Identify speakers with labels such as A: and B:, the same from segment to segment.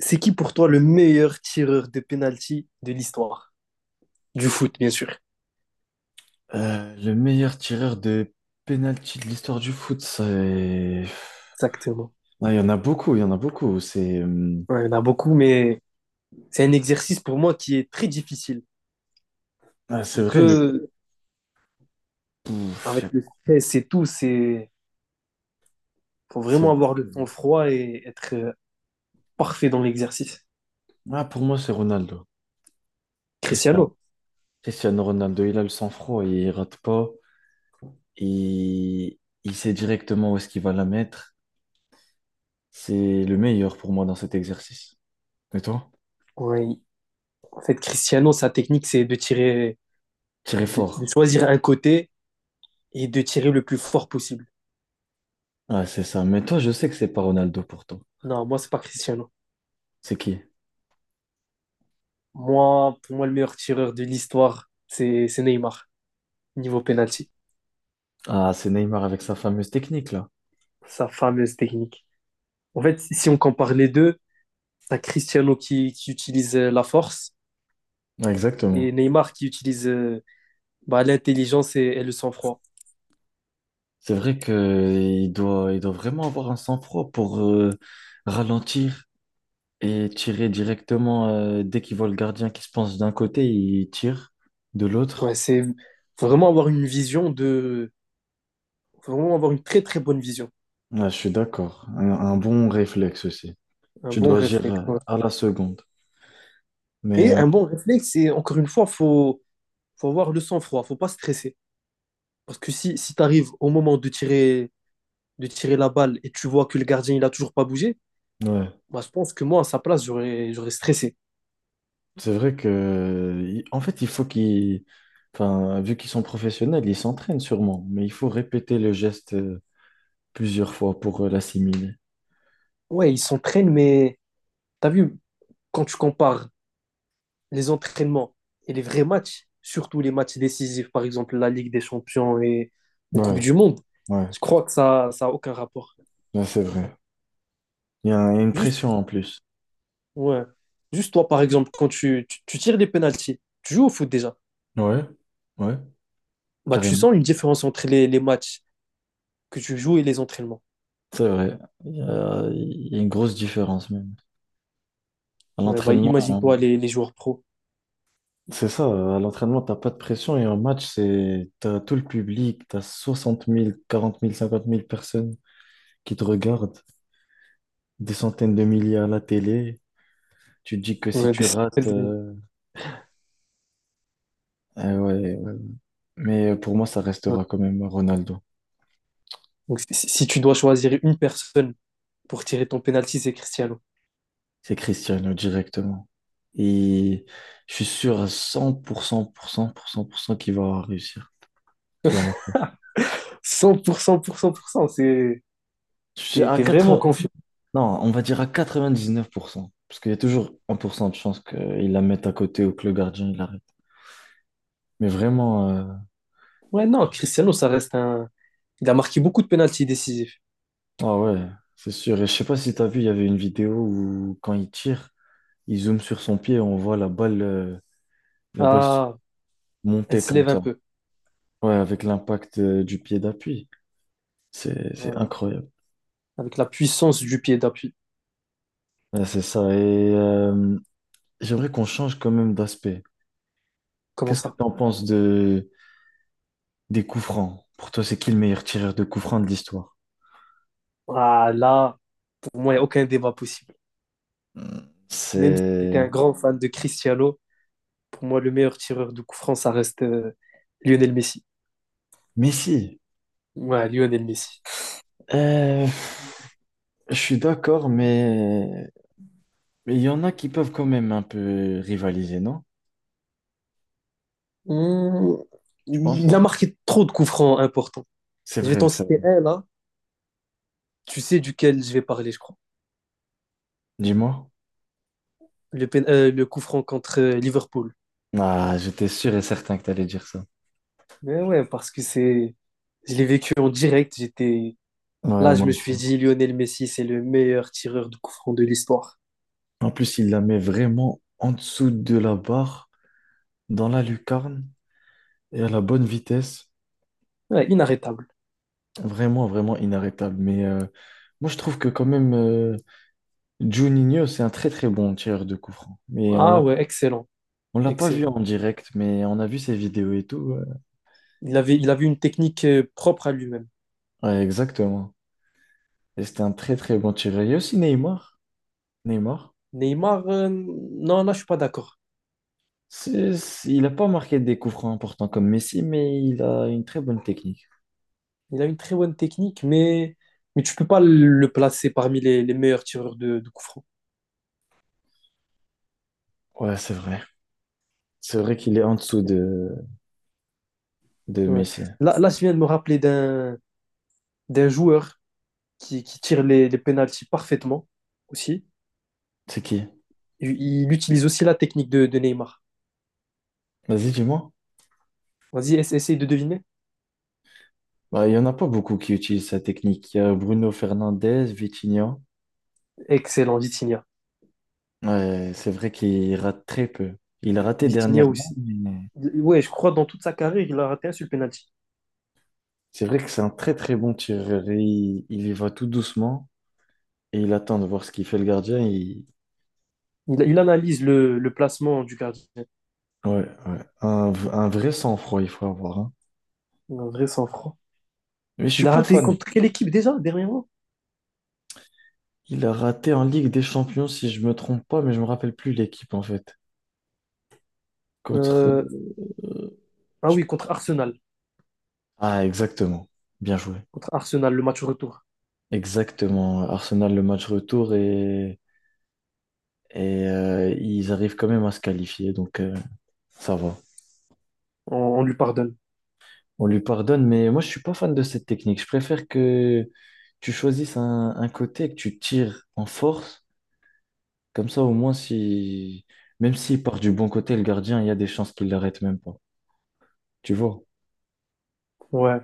A: C'est qui pour toi le meilleur tireur de penalty de l'histoire? Du foot, bien sûr.
B: Le meilleur tireur de penalty de l'histoire du foot, c'est...
A: Exactement.
B: Ah, il y en a beaucoup, il y en a beaucoup. C'est
A: Ouais, il y en a beaucoup, mais c'est un exercice pour moi qui est très difficile.
B: Ah, c'est
A: Il
B: vrai, mais
A: peut,
B: pouf.
A: avec le stress et tout, c'est faut
B: c'est
A: vraiment
B: vrai
A: avoir
B: que-
A: le sang-froid et être parfait dans l'exercice.
B: Ah, pour moi, c'est Ronaldo. Cristiano.
A: Cristiano.
B: Cristiano Ronaldo, il a le sang-froid, il rate pas. Il sait directement où est-ce qu'il va la mettre. C'est le meilleur pour moi dans cet exercice. Et toi?
A: Ouais, en fait, Cristiano, sa technique, c'est de tirer,
B: Tirer
A: de
B: fort.
A: choisir un côté et de tirer le plus fort possible.
B: Ah, c'est ça. Mais toi, je sais que c'est pas Ronaldo pour toi.
A: Non, moi, c'est pas Cristiano.
B: C'est qui?
A: Moi, pour moi, le meilleur tireur de l'histoire, c'est Neymar, niveau penalty.
B: Ah, c'est Neymar avec sa fameuse technique, là.
A: Sa fameuse technique. En fait, si on compare les deux, t'as Cristiano qui utilise la force
B: Ah, exactement.
A: et Neymar qui utilise bah, l'intelligence et le sang-froid.
B: C'est vrai qu'il doit vraiment avoir un sang-froid pour ralentir et tirer directement. Dès qu'il voit le gardien qui se penche d'un côté, il tire de
A: Ouais,
B: l'autre.
A: c'est faut vraiment avoir une vision de, faut vraiment avoir une très très bonne vision,
B: Ah, je suis d'accord. Un bon réflexe aussi.
A: un
B: Tu
A: bon
B: dois agir
A: réflexe. Ouais.
B: à la seconde. Mais
A: Et un bon réflexe, c'est encore une fois, faut avoir le sang-froid, faut pas stresser. Parce que si tu arrives au moment de tirer la balle et tu vois que le gardien il a toujours pas bougé,
B: ouais,
A: bah, je pense que moi à sa place j'aurais stressé.
B: c'est vrai que, en fait, il faut qu'ils, enfin, vu qu'ils sont professionnels, ils s'entraînent sûrement. Mais il faut répéter le geste plusieurs fois pour l'assimiler.
A: Ouais, ils s'entraînent, mais t'as vu, quand tu compares les entraînements et les vrais matchs, surtout les matchs décisifs, par exemple la Ligue des Champions et en Coupe
B: Ouais,
A: du Monde,
B: ouais,
A: je crois que ça n'a aucun rapport.
B: là, c'est vrai. Il y a une
A: Juste,
B: pression en plus.
A: ouais. Juste toi, par exemple, quand tu tires des pénalties, tu joues au foot déjà,
B: Ouais, ouais.
A: bah, tu
B: Carrément.
A: sens une différence entre les matchs que tu joues et les entraînements.
B: C'est vrai. Il y a une grosse différence même. À
A: Ouais, bah,
B: l'entraînement, hein,
A: imagine-toi les joueurs pros.
B: c'est ça. À l'entraînement, t'as pas de pression et en match, c'est, t'as tout le public, t'as 60 000 40 000 50 000 personnes qui te regardent, des centaines de milliers à la télé. Tu te dis que si
A: Ouais,
B: tu
A: des-
B: rates,
A: ouais.
B: ah ouais, ouais. Mais pour moi, ça restera quand même Ronaldo.
A: Donc, si tu dois choisir une personne pour tirer ton penalty, c'est Cristiano.
B: C'est Cristiano directement. Et je suis sûr à cent pour cent pour cent, pour cent qu'il va réussir, qu'il va marquer.
A: Cent pour cent, pour cent, c'est...
B: Je suis
A: T'es,
B: à
A: t'es vraiment
B: 80...
A: confiant.
B: Non, on va dire à 99% parce qu'il y a toujours 1% de chance qu'il la mette à côté ou que le gardien il arrête. Mais vraiment,
A: Ouais, non, Cristiano, ça reste un. Il a marqué beaucoup de pénaltys décisifs.
B: ah ouais, c'est sûr. Et je sais pas si tu as vu, il y avait une vidéo où quand il tire, il zoome sur son pied et on voit la balle
A: Ah, elle
B: monter
A: se
B: comme
A: lève un
B: ça.
A: peu.
B: Ouais, avec l'impact du pied d'appui. C'est
A: Voilà.
B: incroyable.
A: Avec la puissance du pied d'appui.
B: Ouais, c'est ça. Et j'aimerais qu'on change quand même d'aspect.
A: Comment
B: Qu'est-ce que
A: ça?
B: tu en penses des coups francs? Pour toi, c'est qui le meilleur tireur de coups francs de l'histoire?
A: Ah, là, pour moi, il n'y a aucun débat possible. Même si
B: C'est
A: j'étais un grand fan de Cristiano, pour moi, le meilleur tireur de coup franc, ça reste Lionel Messi.
B: Messi.
A: Ouais, Lionel Messi.
B: Euh, je suis d'accord, mais il y en a qui peuvent quand même un peu rivaliser, non?
A: Mmh,
B: Tu penses
A: il a
B: pas?
A: marqué trop de coups francs importants.
B: C'est
A: Je vais
B: vrai,
A: t'en
B: ça.
A: citer un là. Tu sais duquel je vais parler, je crois.
B: Dis-moi.
A: Le, le coup franc contre Liverpool.
B: Ah, j'étais sûr et certain que tu allais dire ça.
A: Mais ouais, parce que c'est, je l'ai vécu en direct. J'étais
B: Ouais,
A: là, je
B: moi
A: me suis
B: aussi.
A: dit, Lionel Messi, c'est le meilleur tireur de coup franc de l'histoire.
B: En plus, il la met vraiment en dessous de la barre, dans la lucarne et à la bonne vitesse.
A: Ouais, inarrêtable.
B: Vraiment, vraiment inarrêtable. Mais moi, je trouve que quand même, Juninho, c'est un très très bon tireur de coup franc. Mais
A: Ah ouais, excellent,
B: on l'a pas vu
A: excellent.
B: en direct, mais on a vu ses vidéos et tout. Ouais,
A: Il avait une technique propre à lui-même.
B: ouais, exactement. Et c'était un très très bon tireur. Il y a aussi Neymar. Neymar,
A: Neymar, non, là, je suis pas d'accord.
B: il a pas marqué des coups francs importants comme Messi, mais il a une très bonne technique.
A: Il a une très bonne technique, mais tu peux pas le placer parmi les meilleurs tireurs de coup franc.
B: Ouais, c'est vrai. C'est vrai qu'il est en dessous de
A: Ouais.
B: Messi.
A: Là, là, je viens de me rappeler d'un d'un joueur qui tire les pénaltys parfaitement aussi.
B: C'est qui?
A: Il utilise aussi la technique de Neymar.
B: Vas-y, dis-moi.
A: Vas-y, essaye de deviner.
B: Bah, il y en a pas beaucoup qui utilisent sa technique. Il y a Bruno Fernandes, Vitinha.
A: Excellent, Vitinha.
B: Ouais, c'est vrai qu'il rate très peu. Il a raté
A: Vitinha
B: dernièrement,
A: aussi.
B: mais
A: Ouais, je crois dans toute sa carrière, il a raté un sur le penalty.
B: c'est vrai que c'est un très très bon tireur. Et il y va tout doucement et il attend de voir ce qu'il fait le gardien.
A: Il analyse le placement du gardien.
B: Ouais, ouais. Un vrai sang-froid, il faut avoir, hein.
A: Un vrai sang-froid.
B: Mais je suis
A: Il a
B: pas
A: raté
B: fan.
A: contre quelle équipe déjà, dernièrement?
B: Il a raté en Ligue des Champions, si je me trompe pas, mais je me rappelle plus l'équipe en fait. Contre...
A: Euh, ah oui, contre Arsenal.
B: Ah, exactement. Bien joué.
A: Contre Arsenal, le match retour.
B: Exactement. Arsenal, le match retour et ils arrivent quand même à se qualifier, donc ça va.
A: On lui pardonne.
B: On lui pardonne, mais moi, je suis pas fan de cette technique. Je préfère que tu choisisses un côté, que tu tires en force. Comme ça, au moins, si, même s'il part du bon côté, le gardien, il y a des chances qu'il l'arrête même pas. Tu vois?
A: Ouais.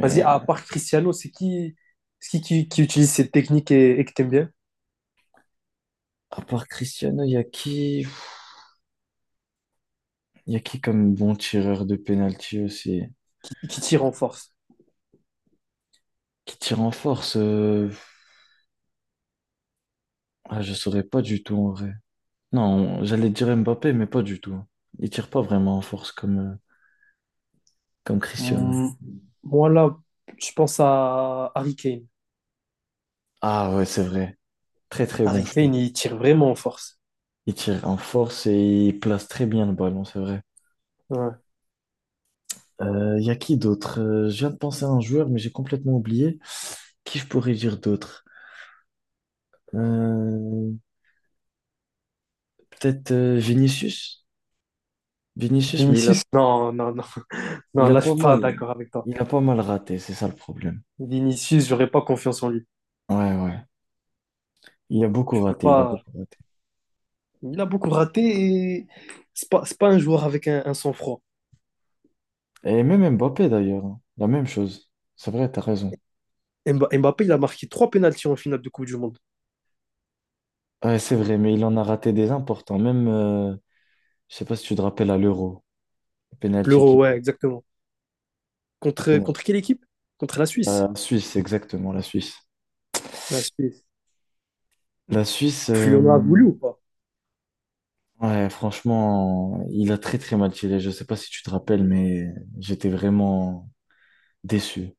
A: Vas-y, à part Cristiano, c'est qui, qui utilise cette technique et que t'aimes bien?
B: à part Cristiano, il y a qui comme bon tireur de penalty aussi?
A: Qui tire en force?
B: Qui tire en force? Ah, je saurais pas du tout en vrai. Non, j'allais dire Mbappé, mais pas du tout. Il tire pas vraiment en force comme, comme Cristiano.
A: Hmm, moi, là, je pense à Harry Kane.
B: Ah ouais, c'est vrai. Très très bon.
A: Harry Kane, il tire vraiment en force.
B: Il tire en force et il place très bien le ballon, c'est vrai.
A: Ouais.
B: Il y a qui d'autre? Je viens de penser à un joueur, mais j'ai complètement oublié. Qui je pourrais dire d'autre? Euh, peut-être Vinicius. Vinicius, mais
A: Vinicius, non, non, non. Non,
B: il a
A: là, je
B: pas
A: suis pas
B: mal,
A: d'accord avec toi.
B: il a pas mal raté, c'est ça le problème.
A: Vinicius, j'aurais pas confiance en lui.
B: Ouais, ouais. Il a beaucoup
A: Tu peux
B: raté, il a
A: pas.
B: beaucoup raté.
A: Il a beaucoup raté et c'est pas un joueur avec un sang-froid.
B: Et même Mbappé d'ailleurs, hein, la même chose. C'est vrai, t'as raison.
A: Mbappé, il a marqué 3 pénaltys en finale de Coupe du Monde.
B: Ouais, c'est vrai, mais il en a raté des importants. Même, je sais pas si tu te rappelles à l'Euro, le penalty
A: L'Euro,
B: qu'il,
A: ouais, exactement. Contre, contre quelle équipe? Contre la Suisse.
B: la Suisse, exactement, la Suisse.
A: La Suisse.
B: La Suisse,
A: Tu lui en voulu ou pas?
B: ouais, franchement, il a très très mal tiré. Je sais pas si tu te rappelles, mais j'étais vraiment déçu.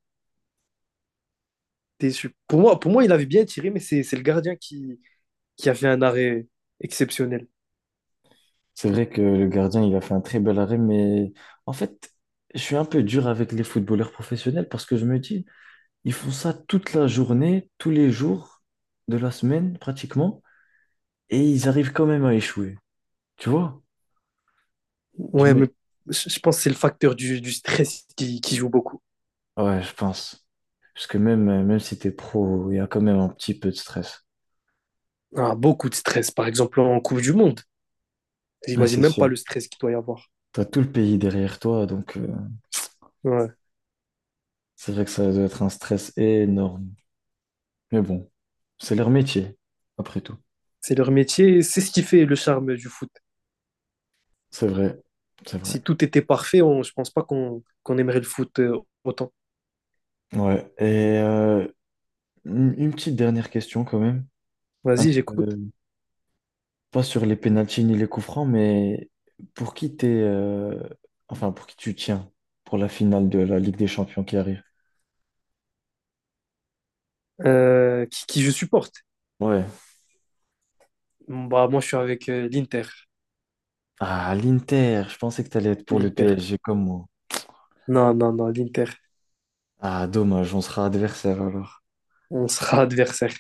A: T'es pour moi, il avait bien tiré, mais c'est le gardien qui a fait un arrêt exceptionnel.
B: C'est vrai que le gardien, il a fait un très bel arrêt, mais en fait, je suis un peu dur avec les footballeurs professionnels parce que je me dis, ils font ça toute la journée, tous les jours de la semaine pratiquement, et ils arrivent quand même à échouer. Tu vois? Je
A: Ouais,
B: me...
A: mais je pense que c'est le facteur du stress qui joue beaucoup.
B: Ouais, je pense. Parce que même, même si t'es pro, il y a quand même un petit peu de stress.
A: Ah, beaucoup de stress, par exemple en Coupe du Monde.
B: Ah,
A: J'imagine
B: c'est
A: même
B: sûr.
A: pas le stress qu'il doit y avoir.
B: T'as tout le pays derrière toi, donc
A: Ouais.
B: c'est vrai que ça doit être un stress énorme. Mais bon, c'est leur métier, après tout.
A: C'est leur métier, c'est ce qui fait le charme du foot.
B: C'est vrai, c'est vrai.
A: Si tout était parfait, on, je pense pas qu'on aimerait le foot autant.
B: Ouais. Et une petite dernière question quand même. Un
A: Vas-y,
B: peu,
A: j'écoute.
B: pas sur les pénaltys ni les coups francs, mais pour qui t'es, enfin pour qui tu tiens pour la finale de la Ligue des Champions qui arrive?
A: Qui je supporte?
B: Ouais.
A: Bah, moi, je suis avec l'Inter.
B: Ah, l'Inter, je pensais que t'allais être pour le
A: L'Inter.
B: PSG comme moi.
A: Non, non, non, l'Inter.
B: Ah, dommage, on sera adversaire alors.
A: On sera adversaire.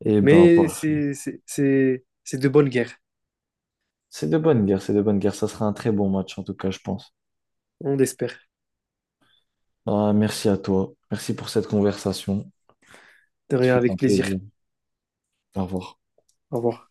B: Eh ben,
A: Mais
B: pas.
A: c'est de bonnes guerres.
B: C'est de bonnes guerres, c'est de bonnes guerres. Ça sera un très bon match, en tout cas, je pense.
A: On l'espère.
B: Ah, merci à toi. Merci pour cette conversation.
A: De rien,
B: C'était
A: avec
B: un
A: plaisir.
B: plaisir. Au revoir.
A: Au revoir.